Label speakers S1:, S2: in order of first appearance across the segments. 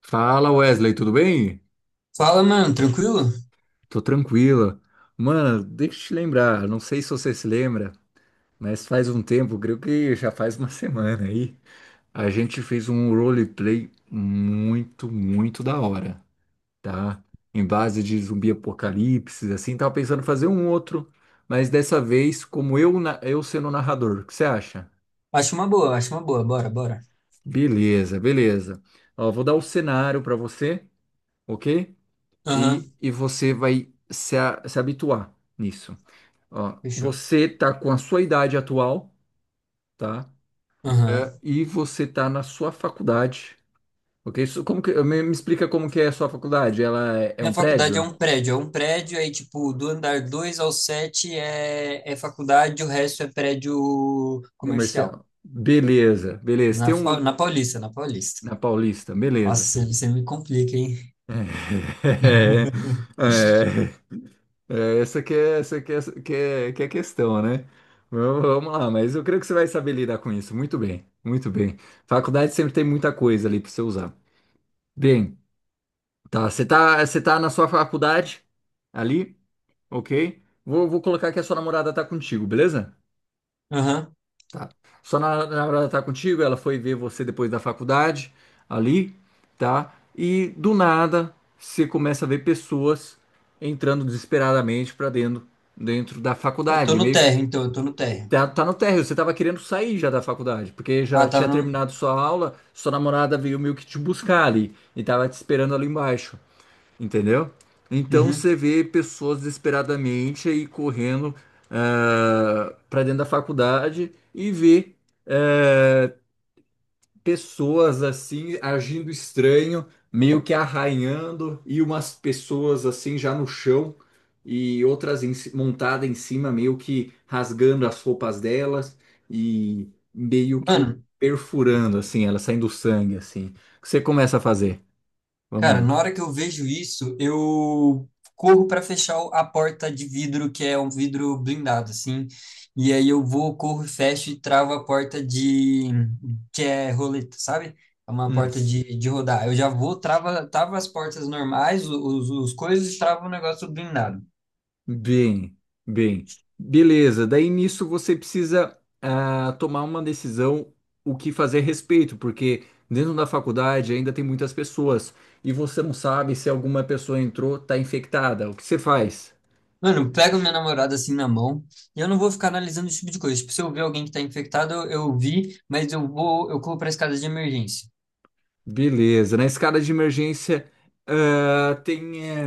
S1: Fala, Wesley, tudo bem?
S2: Fala, mano, tranquilo?
S1: Tô tranquila. Mano, deixa eu te lembrar, não sei se você se lembra, mas faz um tempo, creio que já faz uma semana aí, a gente fez um roleplay muito, muito da hora, tá? Em base de zumbi apocalipse, assim, tava pensando em fazer um outro, mas dessa vez, como eu, eu sendo o narrador, o que você acha?
S2: Acho uma boa, bora, bora.
S1: Beleza, beleza. Ó, vou dar o cenário pra você, ok?
S2: Aham,
S1: E você vai se habituar nisso. Ó,
S2: fechou.
S1: você tá com a sua idade atual, tá? É,
S2: Aham.
S1: e você tá na sua faculdade, ok? Isso, como que, me explica como que é a sua faculdade? Ela é
S2: Minha
S1: um
S2: faculdade é
S1: prédio
S2: um prédio, aí, tipo, do andar 2 ao 7 é faculdade, o resto é prédio comercial.
S1: comercial? Beleza, beleza. Tem um
S2: Na Paulista.
S1: na Paulista,
S2: Nossa,
S1: beleza.
S2: você me complica, hein?
S1: É, é, É, essa que é, essa que é, que é, que é a questão, né? Vamos lá, mas eu creio que você vai saber lidar com isso. Muito bem, muito bem. Faculdade sempre tem muita coisa ali para você usar. Bem, tá, você tá na sua faculdade ali, ok? Vou colocar que a sua namorada tá contigo, beleza?
S2: Aham.
S1: Tá. Sua namorada tá contigo, ela foi ver você depois da faculdade ali, tá? E do nada você começa a ver pessoas entrando desesperadamente para dentro da
S2: Eu tô
S1: faculdade,
S2: no
S1: meio.
S2: térreo, então, eu tô no térreo.
S1: Tá, tá no térreo, você tava querendo sair já da faculdade, porque
S2: Ah,
S1: já tinha
S2: tava no.
S1: terminado sua aula, sua namorada veio meio que te buscar ali e tava te esperando ali embaixo, entendeu? Então
S2: Uhum.
S1: você vê pessoas desesperadamente aí correndo pra dentro da faculdade e vê eh, pessoas assim agindo estranho, meio que arranhando, e umas pessoas assim já no chão e outras em montada em cima, meio que rasgando as roupas delas e meio que
S2: Mano,
S1: perfurando assim, elas saindo sangue assim. O que você começa a fazer?
S2: cara,
S1: Vamos
S2: na hora que eu vejo isso, eu corro para fechar a porta de vidro, que é um vidro blindado, assim. E aí corro, fecho e travo a porta que é roleta, sabe? É uma
S1: lá.
S2: porta de rodar. Eu já trava as portas normais, os coisas, e travo o negócio blindado.
S1: Bem, bem. Beleza. Daí nisso você precisa tomar uma decisão o que fazer a respeito, porque dentro da faculdade ainda tem muitas pessoas e você não sabe se alguma pessoa entrou, tá infectada. O que você faz?
S2: Mano, eu pego minha namorada assim na mão e eu não vou ficar analisando esse tipo de coisa. Tipo, se eu ver alguém que tá infectado, eu vi, mas eu corro pra escada de emergência.
S1: Beleza. Na escada de emergência ah, tem. eh,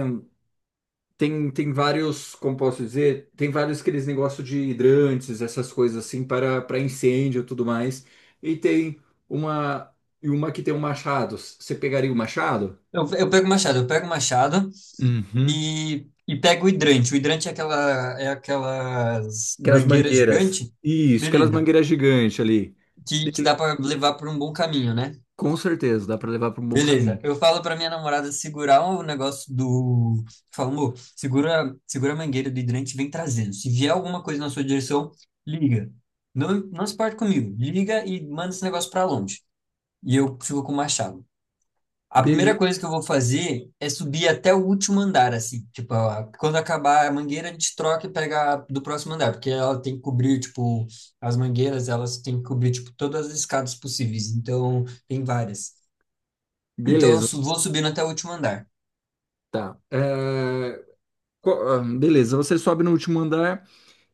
S1: tem, tem vários, como posso dizer, tem vários aqueles negócios de hidrantes, essas coisas assim, para incêndio e tudo mais. E tem uma que tem um machado. Você pegaria o machado?
S2: Eu pego o machado, eu pego o machado,
S1: Uhum.
S2: e pega o hidrante. O hidrante é aquelas
S1: Aquelas
S2: mangueiras
S1: mangueiras.
S2: gigante,
S1: Isso, aquelas
S2: beleza,
S1: mangueiras gigantes ali.
S2: que
S1: Bele-.
S2: dá para levar por um bom caminho, né?
S1: Com certeza, dá para levar para um bom
S2: Beleza,
S1: caminho.
S2: eu falo para minha namorada segurar o negócio do. Falo, amor, segura, segura a mangueira do hidrante e vem trazendo. Se vier alguma coisa na sua direção, liga. Não, não se parte comigo. Liga e manda esse negócio para longe. E eu fico com o machado. A primeira
S1: Bele-
S2: coisa que eu vou fazer é subir até o último andar, assim. Tipo, quando acabar a mangueira, a gente troca e pega a do próximo andar, porque ela tem que cobrir, tipo, as mangueiras, elas têm que cobrir, tipo, todas as escadas possíveis. Então, tem várias. Então, eu
S1: beleza,
S2: vou subindo até o último andar.
S1: tá. É, beleza, você sobe no último andar.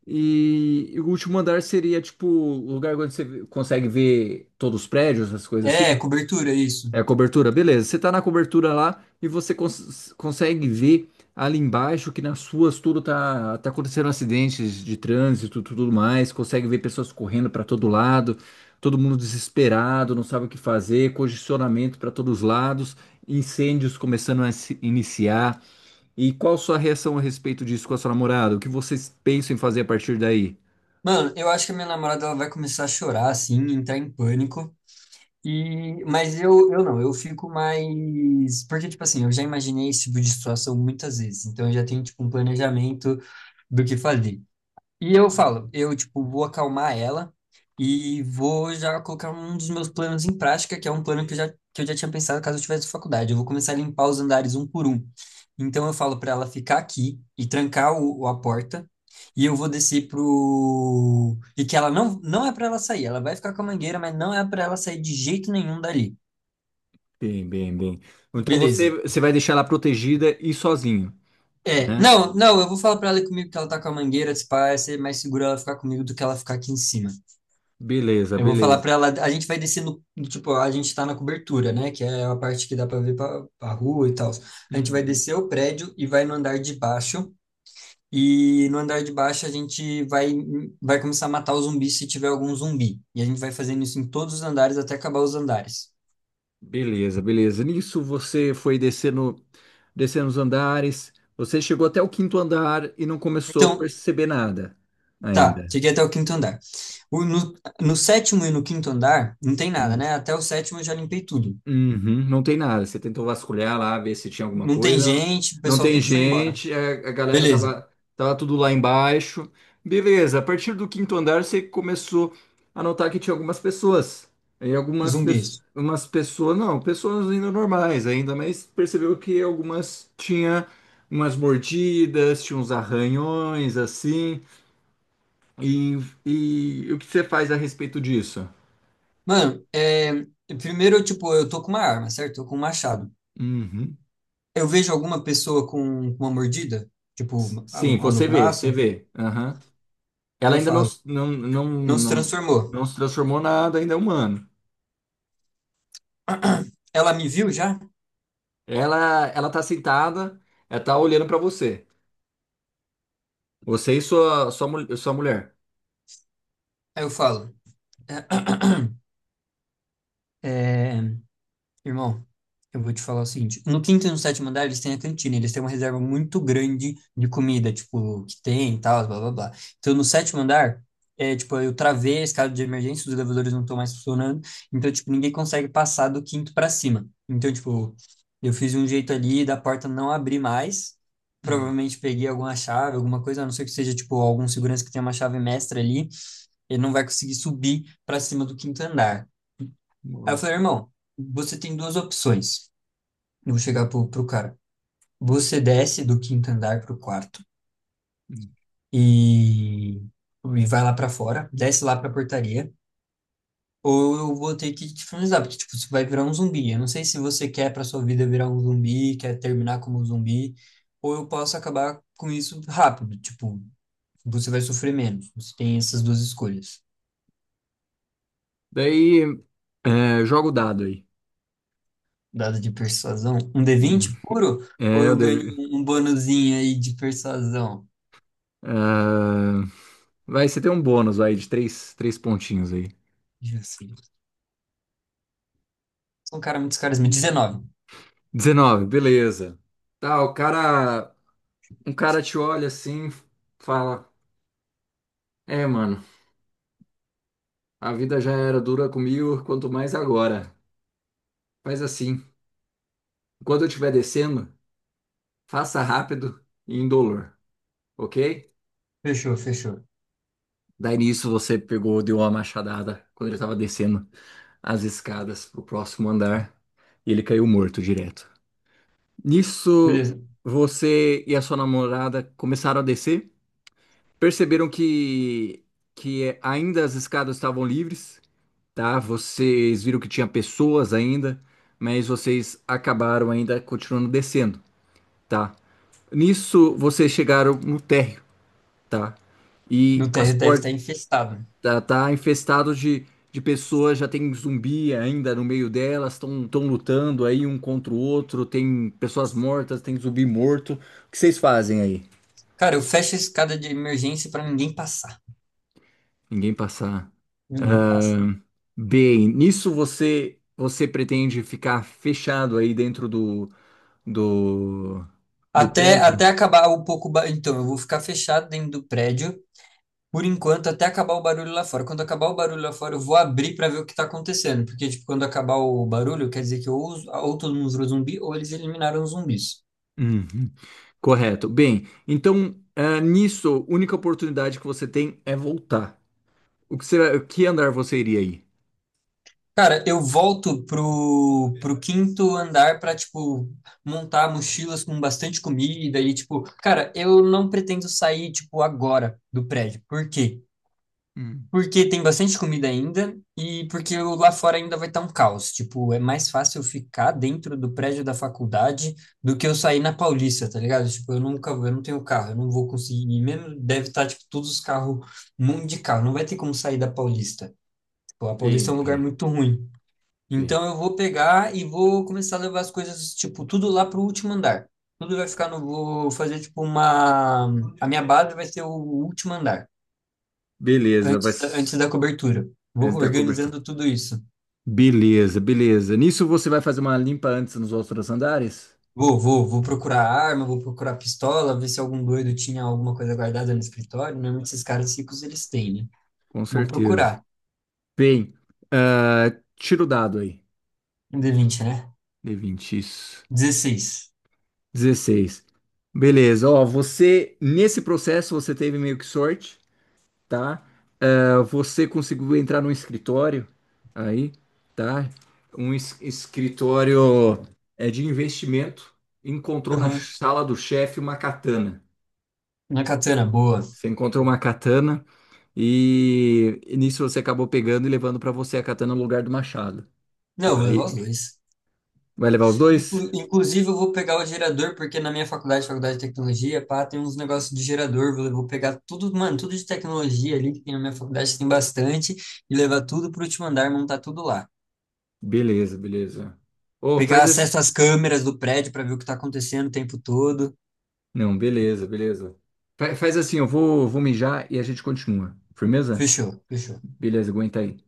S1: E o último andar seria tipo o lugar onde você consegue ver todos os prédios, essas coisas
S2: É,
S1: assim.
S2: cobertura, isso.
S1: É a cobertura, beleza. Você tá na cobertura lá e você consegue ver ali embaixo que nas ruas tá acontecendo acidentes de trânsito, tudo mais. Consegue ver pessoas correndo para todo lado, todo mundo desesperado, não sabe o que fazer, congestionamento para todos os lados, incêndios começando a se iniciar. E qual sua reação a respeito disso com a sua namorada? O que vocês pensam em fazer a partir daí?
S2: Mano, eu acho que a minha namorada, ela vai começar a chorar, assim, entrar em pânico. E, mas eu não, eu fico mais. Porque, tipo assim, eu já imaginei esse tipo de situação muitas vezes. Então, eu já tenho, tipo, um planejamento do que fazer. E eu falo, eu, tipo, vou acalmar ela e vou já colocar um dos meus planos em prática, que é um plano que eu já tinha pensado caso eu tivesse faculdade. Eu vou começar a limpar os andares um por um. Então eu falo para ela ficar aqui e trancar a porta. E eu vou descer pro. E que ela não, não é para ela sair. Ela vai ficar com a mangueira, mas não é para ela sair de jeito nenhum dali.
S1: Bem, bem, bem. Então
S2: Beleza.
S1: você vai deixar ela protegida e sozinho,
S2: É,
S1: né?
S2: não, não, eu vou falar pra ela ir comigo que ela tá com a mangueira, se pá, vai ser mais seguro ela ficar comigo do que ela ficar aqui em cima.
S1: Beleza,
S2: Eu vou falar
S1: beleza.
S2: pra ela, a gente vai descer tipo, a gente tá na cobertura, né, que é a parte que dá pra ver pra, pra rua e tal. A gente vai
S1: Uhum.
S2: descer o prédio e vai no andar de baixo, e no andar de baixo a gente vai começar a matar os zumbis se tiver algum zumbi. E a gente vai fazendo isso em todos os andares até acabar os andares.
S1: Beleza, beleza. Nisso você foi descendo, descendo os andares. Você chegou até o quinto andar e não começou a
S2: Então,
S1: perceber nada
S2: tá,
S1: ainda.
S2: cheguei até o quinto andar. O- no, no sétimo e no quinto andar, não tem nada, né? Até o sétimo eu já limpei tudo.
S1: Uhum, não tem nada. Você tentou vasculhar lá, ver se tinha alguma
S2: Não tem
S1: coisa.
S2: gente, o
S1: Não
S2: pessoal
S1: tem
S2: tudo foi embora.
S1: gente, a galera
S2: Beleza,
S1: tava, tava tudo lá embaixo. Beleza, a partir do quinto andar você começou a notar que tinha algumas pessoas. E algumas pessoas,
S2: zumbis.
S1: umas pessoas, não, pessoas ainda normais ainda, mas percebeu que algumas tinha umas mordidas, tinha uns arranhões assim. E, e o que você faz a respeito disso?
S2: Mano, é, primeiro, tipo, eu tô com uma arma, certo? Tô com um machado.
S1: Uhum.
S2: Eu vejo alguma pessoa com uma mordida, tipo,
S1: S-. Sim,
S2: no
S1: você vê, você
S2: braço,
S1: vê. Aham.
S2: aí
S1: Ela
S2: eu
S1: ainda não,
S2: falo,
S1: não, não,
S2: não se
S1: não,
S2: transformou.
S1: não se transformou nada, ainda é humano.
S2: Ela me viu já?
S1: Ela tá sentada, ela tá olhando pra você. Você e sua mulher.
S2: Aí eu falo, "É, irmão, eu vou te falar o seguinte, no quinto e no sétimo andar eles têm a cantina, eles têm uma reserva muito grande de comida, tipo, que tem e tal, blá blá blá. Então no sétimo andar, é tipo, eu travei a escada de emergência, os elevadores não estão mais funcionando, então tipo, ninguém consegue passar do quinto pra cima. Então tipo, eu fiz um jeito ali da porta não abrir mais,
S1: Hum.
S2: provavelmente peguei alguma chave, alguma coisa, a não ser que seja tipo algum segurança que tenha uma chave mestra ali, ele não vai conseguir subir pra cima do quinto andar. Aí eu
S1: Boa.
S2: falei, irmão, você tem duas opções. Eu vou chegar pro cara.
S1: Hum,
S2: Você desce do quinto andar pro quarto
S1: hum.
S2: e vai lá pra fora, desce lá pra portaria, ou eu vou ter que te finalizar, porque tipo, você vai virar um zumbi. Eu não sei se você quer pra sua vida virar um zumbi, quer terminar como um zumbi, ou eu posso acabar com isso rápido, tipo, você vai sofrer menos. Você tem essas duas escolhas.
S1: Daí, é, joga o dado aí.
S2: Dado de persuasão, um d
S1: Hum.
S2: vinte puro, ou
S1: É,
S2: eu
S1: eu
S2: ganho
S1: deve.
S2: um bonuzinho aí de persuasão?
S1: ah, vai, você tem um bônus aí de três, três pontinhos aí.
S2: Deixa eu ver se- sou um cara muito carisma. 19.
S1: 19, beleza. Tá, o cara. Um cara te olha assim, fala: É, mano, a vida já era dura comigo, quanto mais agora. Faz assim. Quando eu estiver descendo, faça rápido e indolor, ok?
S2: Fechou, fechou.
S1: Daí nisso você pegou, deu uma machadada quando ele estava descendo as escadas pro próximo andar e ele caiu morto direto. Nisso,
S2: Beleza.
S1: você e a sua namorada começaram a descer, perceberam que ainda as escadas estavam livres, tá? Vocês viram que tinha pessoas ainda, mas vocês acabaram ainda continuando descendo, tá? Nisso, vocês chegaram no térreo. Tá. E
S2: No
S1: as
S2: térreo deve
S1: portas
S2: estar infestado.
S1: tá infestado de pessoas, já tem zumbi ainda no meio delas, estão tão lutando aí um contra o outro, tem pessoas mortas, tem zumbi morto. O que vocês fazem aí?
S2: Cara, eu fecho a escada de emergência pra ninguém passar.
S1: Ninguém passar.
S2: Ninguém passa.
S1: Bem, nisso você pretende ficar fechado aí dentro do, do
S2: Até
S1: prédio?
S2: acabar o pouco. Então, eu vou ficar fechado dentro do prédio, por enquanto, até acabar o barulho lá fora. Quando acabar o barulho lá fora, eu vou abrir pra ver o que tá acontecendo. Porque, tipo, quando acabar o barulho, quer dizer que ou todo mundo virou zumbi, ou eles eliminaram os zumbis.
S1: Uhum. Correto. Bem, então nisso, a única oportunidade que você tem é voltar. O que, você, o que andar você iria aí?
S2: Cara, eu volto pro quinto andar pra, tipo, montar mochilas com bastante comida e, tipo, cara, eu não pretendo sair, tipo, agora do prédio. Por quê?
S1: Hum.
S2: Porque tem bastante comida ainda e porque lá fora ainda vai estar um caos. Tipo, é mais fácil eu ficar dentro do prédio da faculdade do que eu sair na Paulista, tá ligado? Tipo, eu nunca, eu não tenho carro, eu não vou conseguir. E mesmo deve estar, tipo, todos os carros, um monte de carro. Não vai ter como sair da Paulista. Tipo, a Paulista é
S1: Bem,
S2: um lugar
S1: bem,
S2: muito ruim.
S1: bem.
S2: Então eu vou pegar e vou começar a levar as coisas, tipo, tudo lá pro último andar. Tudo vai ficar no. Vou fazer, tipo, uma. A minha base vai ser o último andar,
S1: Beleza, vai s-
S2: antes da cobertura. Vou
S1: antes da cobertura.
S2: organizando tudo isso.
S1: Beleza, beleza. Nisso você vai fazer uma limpa antes nos outros andares?
S2: Vou procurar arma, vou procurar pistola, ver se algum doido tinha alguma coisa guardada no escritório. Normalmente esses caras ricos eles têm, né?
S1: Com
S2: Vou
S1: certeza.
S2: procurar.
S1: Bem, ah, tira o dado aí.
S2: Um d vinte, né?
S1: D vinte isso.
S2: 16.
S1: 16. Beleza, ó, você, nesse processo, você teve meio que sorte. Tá? É, você conseguiu entrar num escritório aí, tá? Um escritório de investimento. Encontrou na
S2: Aham.
S1: sala do chefe uma katana.
S2: Na katana, boa.
S1: Você encontrou uma katana e nisso você acabou pegando e levando para você a katana no lugar do machado,
S2: Não, eu vou
S1: tá?
S2: levar os
S1: Aí
S2: dois.
S1: vai levar os dois?
S2: Inclusive, eu vou pegar o gerador, porque na minha faculdade, faculdade de tecnologia, pá, tem uns negócios de gerador. Vou pegar tudo, mano, tudo de tecnologia ali, que tem na minha faculdade, tem bastante, e levar tudo pro último andar, montar tudo lá.
S1: Beleza, beleza. Ô,
S2: Pegar
S1: faz assim.
S2: acesso às câmeras do prédio para ver o que tá acontecendo o tempo todo.
S1: Não, beleza, beleza. Faz assim, vou mijar e a gente continua. Firmeza?
S2: Fechou, fechou.
S1: Beleza, aguenta aí.